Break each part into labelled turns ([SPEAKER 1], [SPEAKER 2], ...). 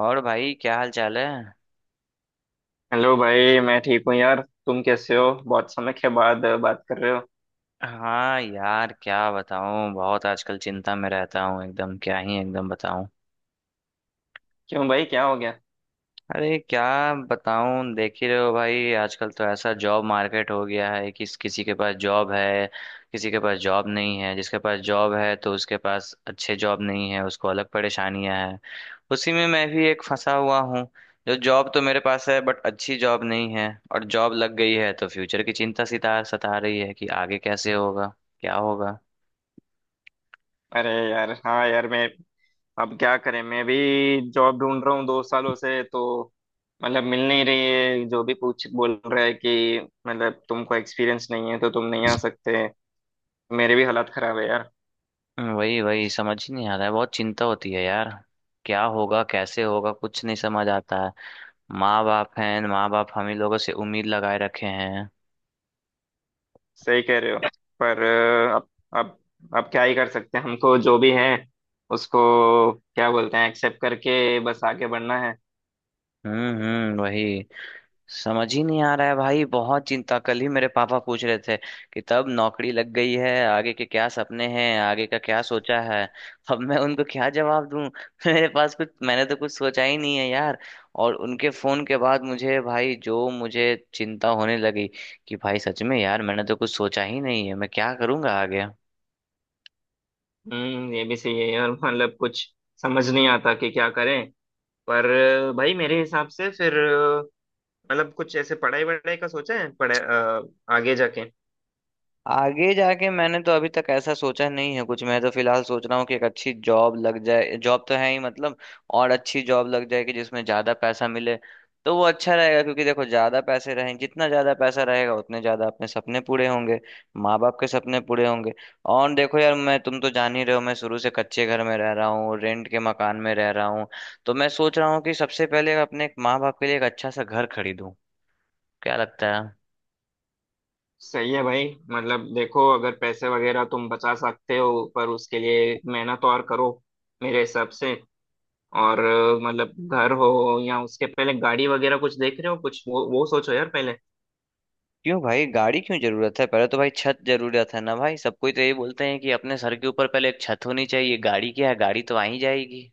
[SPEAKER 1] और भाई क्या हाल चाल है।
[SPEAKER 2] हेलो भाई, मैं ठीक हूँ यार। तुम कैसे हो? बहुत समय के बाद बात कर रहे हो।
[SPEAKER 1] हाँ यार क्या बताऊं, बहुत आजकल चिंता में रहता हूँ, एकदम क्या ही एकदम बताऊं।
[SPEAKER 2] क्यों भाई, क्या हो गया?
[SPEAKER 1] अरे क्या बताऊं, देख ही रहे हो भाई आजकल तो ऐसा जॉब मार्केट हो गया है कि किसी के पास जॉब है, किसी के पास जॉब नहीं है। जिसके पास जॉब है तो उसके पास अच्छे जॉब नहीं है, उसको अलग परेशानियां हैं। उसी में मैं भी एक फंसा हुआ हूँ। जो जॉब तो मेरे पास है बट अच्छी जॉब नहीं है, और जॉब लग गई है तो फ्यूचर की चिंता सिता सता रही है कि आगे कैसे होगा, क्या होगा।
[SPEAKER 2] अरे यार, हाँ यार, मैं... अब क्या करें, मैं भी जॉब ढूंढ रहा हूँ 2 सालों से तो मतलब मिल नहीं रही है। जो भी पूछ बोल रहा है कि मतलब तुमको एक्सपीरियंस नहीं है, तो तुम नहीं आ सकते। मेरे भी हालात खराब है यार।
[SPEAKER 1] वही वही समझ ही नहीं आ रहा है, बहुत चिंता होती है यार। क्या होगा, कैसे होगा, कुछ नहीं समझ आता है। माँ बाप हम ही लोगों से उम्मीद लगाए रखे हैं।
[SPEAKER 2] सही कह रहे हो। पर अब अब क्या ही कर सकते हैं, हमको जो भी है उसको, क्या बोलते हैं, एक्सेप्ट करके बस आगे बढ़ना है।
[SPEAKER 1] वही, समझ ही नहीं आ रहा है भाई, बहुत चिंता। कल ही मेरे पापा पूछ रहे थे कि तब नौकरी लग गई है, आगे के क्या सपने हैं, आगे का क्या सोचा है। अब मैं उनको क्या जवाब दूं? मेरे पास कुछ, मैंने तो कुछ सोचा ही नहीं है यार। और उनके फोन के बाद मुझे भाई जो मुझे चिंता होने लगी कि भाई सच में यार, मैंने तो कुछ सोचा ही नहीं है, मैं क्या करूंगा आगे।
[SPEAKER 2] हम्म। ये भी सही है यार, मतलब कुछ समझ नहीं आता कि क्या करें। पर भाई मेरे हिसाब से फिर मतलब कुछ ऐसे पढ़ाई वढ़ाई का सोचा है आगे जाके?
[SPEAKER 1] आगे जाके मैंने तो अभी तक ऐसा सोचा नहीं है कुछ, मैं तो फिलहाल सोच रहा हूँ कि एक अच्छी जॉब लग जाए। जॉब तो है ही मतलब, और अच्छी जॉब लग जाए कि जिसमें ज्यादा पैसा मिले तो वो अच्छा रहेगा। क्योंकि देखो, ज्यादा पैसे रहें, जितना ज्यादा पैसा रहेगा उतने ज्यादा अपने सपने पूरे होंगे, माँ बाप के सपने पूरे होंगे। और देखो यार, मैं तुम तो जान ही रहे हो, मैं शुरू से कच्चे घर में रह रहा हूँ, रेंट के मकान में रह रहा हूँ। तो मैं सोच रहा हूँ कि सबसे पहले अपने माँ बाप के लिए एक अच्छा सा घर खरीदूं। क्या लगता है?
[SPEAKER 2] सही है भाई। मतलब देखो, अगर पैसे वगैरह तुम बचा सकते हो, पर उसके लिए मेहनत और करो, मेरे हिसाब से। और मतलब घर हो या उसके पहले गाड़ी वगैरह कुछ देख रहे हो, कुछ वो सोचो यार पहले।
[SPEAKER 1] क्यों भाई, गाड़ी क्यों जरूरत है? पहले तो भाई छत जरूरत है ना भाई। सबको तो यही बोलते हैं कि अपने सर के ऊपर पहले एक छत होनी चाहिए। गाड़ी क्या है, गाड़ी तो आ ही जाएगी।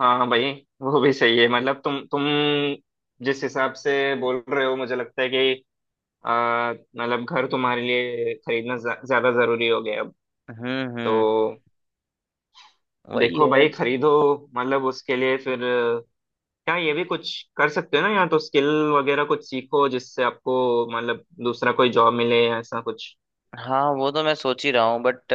[SPEAKER 2] हाँ हाँ भाई, वो भी सही है। मतलब तुम जिस हिसाब से बोल रहे हो मुझे लगता है कि मतलब घर तुम्हारे लिए खरीदना ज्यादा जरूरी हो गया अब
[SPEAKER 1] हम्म
[SPEAKER 2] तो।
[SPEAKER 1] हम्म वही
[SPEAKER 2] देखो
[SPEAKER 1] है।
[SPEAKER 2] भाई, खरीदो। मतलब उसके लिए फिर क्या, ये भी कुछ कर सकते हो ना, या तो स्किल वगैरह कुछ सीखो जिससे आपको मतलब दूसरा कोई जॉब मिले या ऐसा कुछ।
[SPEAKER 1] हाँ, वो तो मैं सोच ही रहा हूँ बट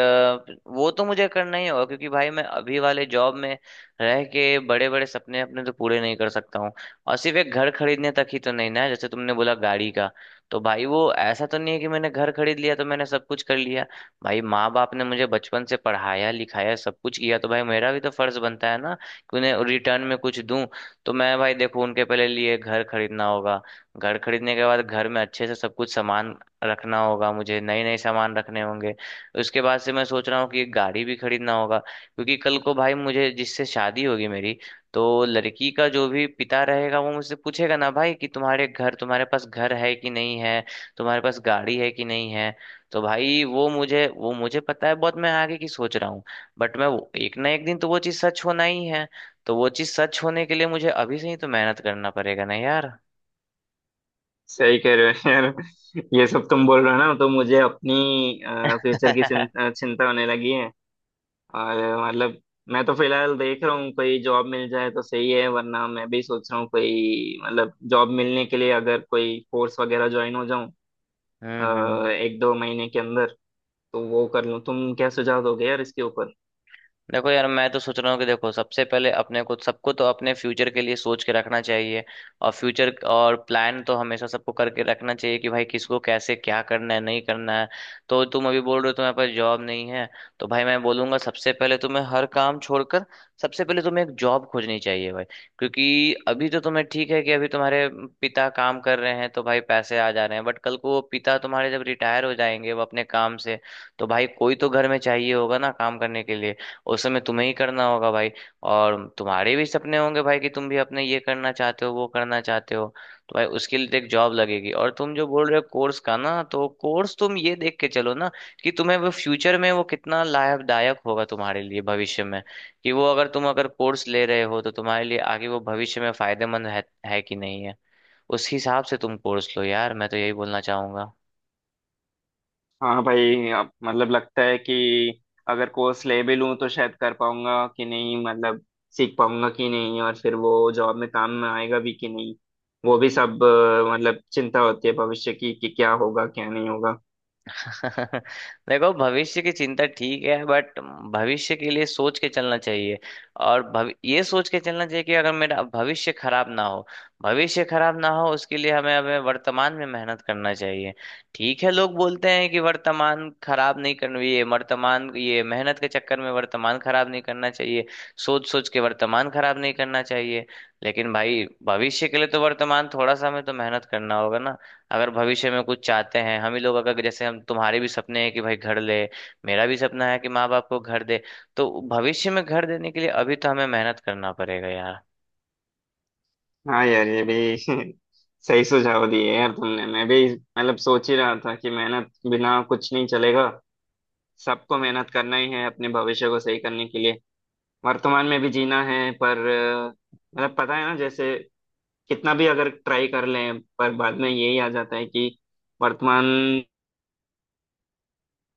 [SPEAKER 1] वो तो मुझे करना ही होगा, क्योंकि भाई मैं अभी वाले जॉब में रह के बड़े बड़े सपने अपने तो पूरे नहीं कर सकता हूँ। और सिर्फ एक घर खरीदने तक ही तो नहीं ना, जैसे तुमने बोला गाड़ी का, तो भाई वो ऐसा तो नहीं है कि मैंने घर खरीद लिया तो मैंने सब कुछ कर लिया। भाई, माँ बाप ने मुझे बचपन से पढ़ाया लिखाया, सब कुछ किया, तो भाई मेरा भी तो फर्ज बनता है ना कि उन्हें रिटर्न में कुछ दूं। तो मैं भाई देखो, उनके पहले लिए घर खरीदना होगा। घर खरीदने के बाद घर में अच्छे से सब कुछ सामान रखना होगा, मुझे नए नए सामान रखने होंगे। उसके बाद से मैं सोच रहा हूँ कि एक गाड़ी भी खरीदना होगा, क्योंकि कल को भाई मुझे जिससे शादी होगी मेरी, तो लड़की का जो भी पिता रहेगा वो मुझसे पूछेगा ना भाई कि तुम्हारे पास घर है कि नहीं है, तुम्हारे पास गाड़ी है कि नहीं है। तो भाई वो मुझे पता है, बहुत मैं आगे की सोच रहा हूँ। बट मैं एक ना एक दिन तो वो चीज़ सच होना ही है, तो वो चीज़ सच होने के लिए मुझे अभी से ही तो मेहनत करना पड़ेगा ना यार।
[SPEAKER 2] सही कह रहे हो यार। ये सब तुम बोल रहे हो ना, तो मुझे अपनी फ्यूचर की
[SPEAKER 1] हम्म।
[SPEAKER 2] चिंता होने लगी। और मतलब, मैं तो फिलहाल देख रहा हूँ, कोई जॉब मिल जाए तो सही है, वरना मैं भी सोच रहा हूँ कोई मतलब जॉब मिलने के लिए अगर कोई कोर्स वगैरह ज्वाइन हो जाऊँ
[SPEAKER 1] हम्म।
[SPEAKER 2] 1-2 महीने के अंदर, तो वो कर लूँ। तुम क्या सुझाव दोगे यार इसके ऊपर?
[SPEAKER 1] देखो यार, मैं तो सोच रहा हूँ कि देखो सबसे पहले अपने को, सबको तो अपने फ्यूचर के लिए सोच के रखना चाहिए। और फ्यूचर और प्लान तो हमेशा सबको करके रखना चाहिए कि भाई किसको कैसे क्या करना है, नहीं करना है। तो तुम अभी बोल रहे हो तुम्हारे पास जॉब नहीं है, तो भाई मैं बोलूंगा सबसे पहले तुम्हें हर काम छोड़कर सबसे पहले तुम्हें एक जॉब खोजनी चाहिए भाई। क्योंकि अभी तो तुम्हें ठीक है कि अभी तुम्हारे पिता काम कर रहे हैं तो भाई पैसे आ जा रहे हैं, बट कल को वो पिता तुम्हारे जब रिटायर हो जाएंगे वो अपने काम से, तो भाई कोई तो घर में चाहिए होगा ना काम करने के लिए। उस समय तुम्हें ही करना होगा भाई। और तुम्हारे भी सपने होंगे भाई कि तुम भी अपने ये करना चाहते हो, वो करना चाहते हो। तो भाई उसके लिए तो एक जॉब लगेगी। और तुम जो बोल रहे हो कोर्स का ना, तो कोर्स तुम ये देख के चलो ना कि तुम्हें वो फ्यूचर में वो कितना लाभदायक होगा, तुम्हारे लिए भविष्य में। कि वो, अगर तुम अगर कोर्स ले रहे हो तो तुम्हारे लिए आगे वो भविष्य में फायदेमंद है कि नहीं है। उस हिसाब से तुम कोर्स लो यार, मैं तो यही बोलना चाहूंगा।
[SPEAKER 2] हाँ भाई, अब मतलब लगता है कि अगर कोर्स ले भी लूँ तो शायद कर पाऊंगा कि नहीं, मतलब सीख पाऊंगा कि नहीं, और फिर वो जॉब में काम में आएगा भी कि नहीं, वो भी सब मतलब चिंता होती है भविष्य की कि क्या होगा क्या नहीं होगा।
[SPEAKER 1] देखो, भविष्य की चिंता ठीक है बट भविष्य के लिए सोच के चलना चाहिए। और भवि ये सोच के चलना चाहिए कि अगर मेरा भविष्य खराब ना हो, भविष्य खराब ना हो उसके लिए हमें हमें वर्तमान में मेहनत करना चाहिए। ठीक है, लोग बोलते हैं कि वर्तमान खराब नहीं करना, ये वर्तमान, ये मेहनत के चक्कर में वर्तमान खराब नहीं करना चाहिए, सोच सोच के वर्तमान खराब नहीं करना चाहिए। लेकिन भाई भविष्य के लिए तो वर्तमान थोड़ा सा हमें तो मेहनत करना होगा। अगर भविष्य में कुछ चाहते हैं हम ही लोग, अगर जैसे हम, तुम्हारे भी सपने हैं कि भाई घर ले, मेरा भी सपना है कि माँ बाप को घर दे, तो भविष्य में घर देने के लिए अभी तो हमें मेहनत करना पड़ेगा यार।
[SPEAKER 2] हाँ यार, ये भी सही सुझाव दिए यार तुमने। मैं भी मतलब सोच ही रहा था कि मेहनत बिना कुछ नहीं चलेगा। सबको मेहनत करना ही है अपने भविष्य को सही करने के लिए। वर्तमान में भी जीना है, पर मतलब पता है ना जैसे, कितना भी अगर ट्राई कर लें पर बाद में यही आ जाता है कि वर्तमान।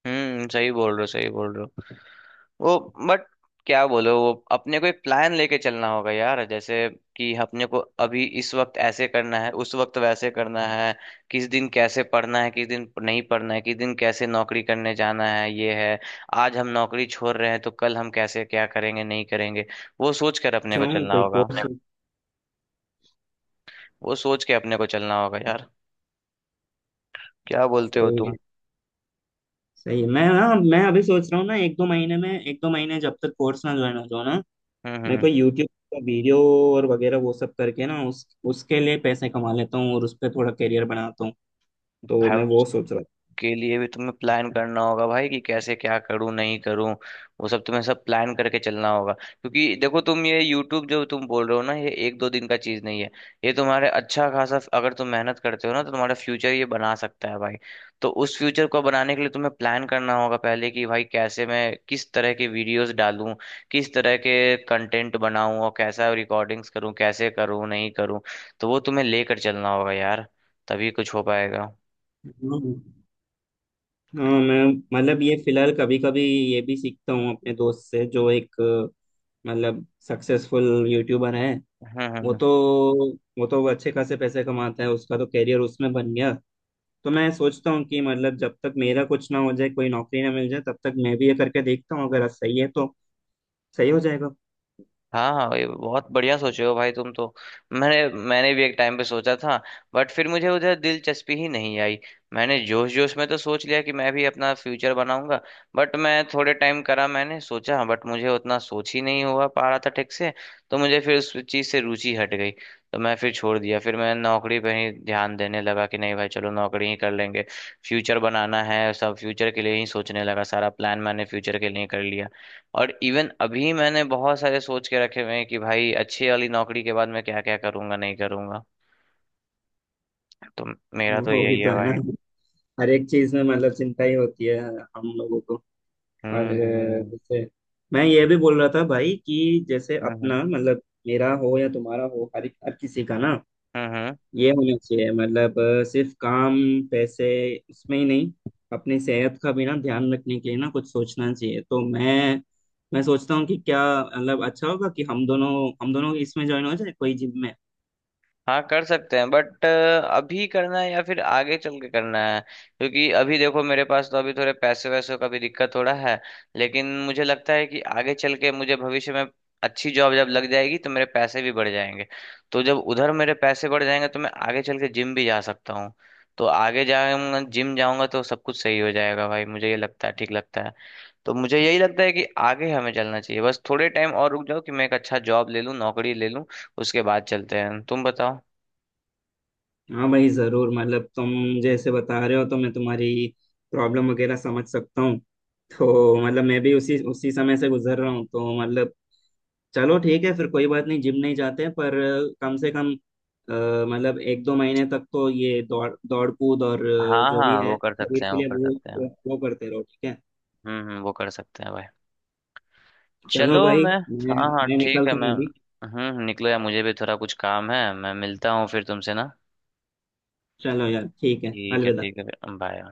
[SPEAKER 1] हम्म, सही बोल रहे हो, सही बोल रहे हो। वो, बट क्या बोलो, वो अपने को एक प्लान लेके चलना होगा यार, जैसे कि अपने को अभी इस वक्त ऐसे करना है, उस वक्त वैसे करना है, किस दिन कैसे पढ़ना है, किस दिन नहीं पढ़ना है, किस दिन कैसे नौकरी करने जाना है ये है। आज हम नौकरी छोड़ रहे हैं तो कल हम कैसे क्या करेंगे, नहीं करेंगे, वो सोच कर अपने
[SPEAKER 2] सोच
[SPEAKER 1] को
[SPEAKER 2] रहा हूँ
[SPEAKER 1] चलना
[SPEAKER 2] कोई
[SPEAKER 1] होगा,
[SPEAKER 2] कोर्स।
[SPEAKER 1] वो सोच के अपने को चलना होगा यार। क्या बोलते हो
[SPEAKER 2] सही
[SPEAKER 1] तुम?
[SPEAKER 2] है, सही है। मैं अभी सोच रहा हूँ ना, एक दो महीने जब तक कोर्स ना ज्वाइन हो जाओ ना,
[SPEAKER 1] हम्म
[SPEAKER 2] मैं
[SPEAKER 1] हम्म
[SPEAKER 2] कोई यूट्यूब का वीडियो और वगैरह वो सब करके ना उस उसके लिए पैसे कमा लेता हूँ और उस पर थोड़ा करियर बनाता हूँ, तो
[SPEAKER 1] भाई,
[SPEAKER 2] मैं वो सोच रहा था।
[SPEAKER 1] के लिए भी तुम्हें प्लान करना होगा भाई कि कैसे क्या करूं, नहीं करूं। वो सब तुम्हें सब प्लान करके चलना होगा, क्योंकि देखो तुम ये यूट्यूब जो तुम बोल रहे हो ना, ये एक दो दिन का चीज नहीं है। ये तुम्हारे अच्छा खासा अगर तुम मेहनत करते हो ना तो तुम्हारा फ्यूचर ये बना सकता है भाई। तो उस फ्यूचर को बनाने के लिए तुम्हें प्लान करना होगा पहले कि भाई कैसे, मैं किस तरह के वीडियोस डालूं, किस तरह के कंटेंट बनाऊं और कैसा रिकॉर्डिंग्स करूं, कैसे करूं, नहीं करूं। तो वो तुम्हें लेकर चलना होगा यार, तभी कुछ हो पाएगा।
[SPEAKER 2] हम्म। हाँ, मैं मतलब ये फिलहाल कभी कभी ये भी सीखता हूँ अपने दोस्त से जो एक मतलब सक्सेसफुल यूट्यूबर है।
[SPEAKER 1] हम्म। हम्म।
[SPEAKER 2] वो
[SPEAKER 1] हम्म।
[SPEAKER 2] तो वो तो अच्छे खासे पैसे कमाता है, उसका तो करियर उसमें बन गया। तो मैं सोचता हूँ कि मतलब जब तक मेरा कुछ ना हो जाए, कोई नौकरी ना मिल जाए, तब तक मैं भी ये करके देखता हूँ, अगर सही है तो सही हो जाएगा।
[SPEAKER 1] हाँ हाँ भाई, बहुत बढ़िया सोचे हो भाई तुम तो। मैंने मैंने भी एक टाइम पे सोचा था, बट फिर मुझे उधर दिलचस्पी ही नहीं आई। मैंने जोश जोश में तो सोच लिया कि मैं भी अपना फ्यूचर बनाऊंगा, बट मैं थोड़े टाइम करा मैंने सोचा, बट मुझे उतना सोच ही नहीं हुआ पा रहा था ठीक से। तो मुझे फिर उस चीज़ से रुचि हट गई, तो मैं फिर छोड़ दिया, फिर मैं नौकरी पे ही ध्यान देने लगा कि नहीं भाई चलो नौकरी ही कर लेंगे। फ्यूचर बनाना है, सब फ्यूचर के लिए ही सोचने लगा, सारा प्लान मैंने फ्यूचर के लिए कर लिया। और इवन अभी मैंने बहुत सारे सोच के रखे हुए हैं कि भाई अच्छी वाली नौकरी के बाद मैं क्या क्या करूंगा, नहीं करूंगा। तो मेरा तो
[SPEAKER 2] वो भी
[SPEAKER 1] यही
[SPEAKER 2] तो
[SPEAKER 1] है
[SPEAKER 2] है ना,
[SPEAKER 1] भाई।
[SPEAKER 2] हर एक चीज में मतलब चिंता ही होती है हम लोगों को। और
[SPEAKER 1] हम्म। हम्म।
[SPEAKER 2] जैसे, मैं ये भी बोल रहा था भाई कि जैसे
[SPEAKER 1] हम्म। हम्म।
[SPEAKER 2] अपना मतलब मेरा हो या तुम्हारा हो, हर हर किसी का ना
[SPEAKER 1] हम्म, हम्म।
[SPEAKER 2] ये होना चाहिए, मतलब सिर्फ काम, पैसे, इसमें ही नहीं, अपनी सेहत का भी ना ध्यान रखने के लिए ना कुछ सोचना चाहिए। तो मैं सोचता हूँ कि क्या मतलब अच्छा होगा कि हम दोनों इसमें ज्वाइन हो जाए कोई जिम में?
[SPEAKER 1] हाँ, कर सकते हैं बट अभी करना है या फिर आगे चल के करना है? क्योंकि अभी देखो मेरे पास तो अभी थोड़े पैसे वैसों का भी दिक्कत थोड़ा है। लेकिन मुझे लगता है कि आगे चल के मुझे भविष्य में अच्छी जॉब जब लग जाएगी तो मेरे पैसे भी बढ़ जाएंगे, तो जब उधर मेरे पैसे बढ़ जाएंगे तो मैं आगे चल के जिम भी जा सकता हूँ। तो आगे जाऊंगा, जिम जाऊंगा तो सब कुछ सही हो जाएगा भाई, मुझे ये लगता है, ठीक लगता है। तो मुझे यही लगता है कि आगे हमें चलना चाहिए, बस थोड़े टाइम और रुक जाओ कि मैं एक अच्छा जॉब ले लूँ, नौकरी ले लूँ, उसके बाद चलते हैं। तुम बताओ।
[SPEAKER 2] हाँ भाई जरूर। मतलब तुम जैसे बता रहे हो, तो मैं तुम्हारी प्रॉब्लम वगैरह समझ सकता हूँ, तो मतलब मैं भी उसी उसी समय से गुजर रहा हूँ तो मतलब। चलो ठीक है फिर, कोई बात नहीं, जिम नहीं जाते, पर कम से कम मतलब 1-2 महीने तक तो ये दौड़ दौड़ कूद और
[SPEAKER 1] हाँ
[SPEAKER 2] जो भी
[SPEAKER 1] हाँ,
[SPEAKER 2] है
[SPEAKER 1] वो कर
[SPEAKER 2] शरीर
[SPEAKER 1] सकते हैं,
[SPEAKER 2] के
[SPEAKER 1] वो
[SPEAKER 2] लिए,
[SPEAKER 1] कर
[SPEAKER 2] वो
[SPEAKER 1] सकते हैं।
[SPEAKER 2] वो वो करते रहो, ठीक है?
[SPEAKER 1] हम्म, हम्म, वो कर सकते हैं भाई। चलो
[SPEAKER 2] चलो भाई,
[SPEAKER 1] मैं,
[SPEAKER 2] मैं
[SPEAKER 1] हाँ हाँ,
[SPEAKER 2] मैं
[SPEAKER 1] ठीक है
[SPEAKER 2] निकलता
[SPEAKER 1] मैं।
[SPEAKER 2] हूँ अभी।
[SPEAKER 1] हम्म, निकलो यार, मुझे भी थोड़ा कुछ काम है, मैं मिलता हूँ फिर तुमसे ना।
[SPEAKER 2] चलो यार, ठीक है,
[SPEAKER 1] ठीक है,
[SPEAKER 2] अलविदा।
[SPEAKER 1] ठीक है। बाय।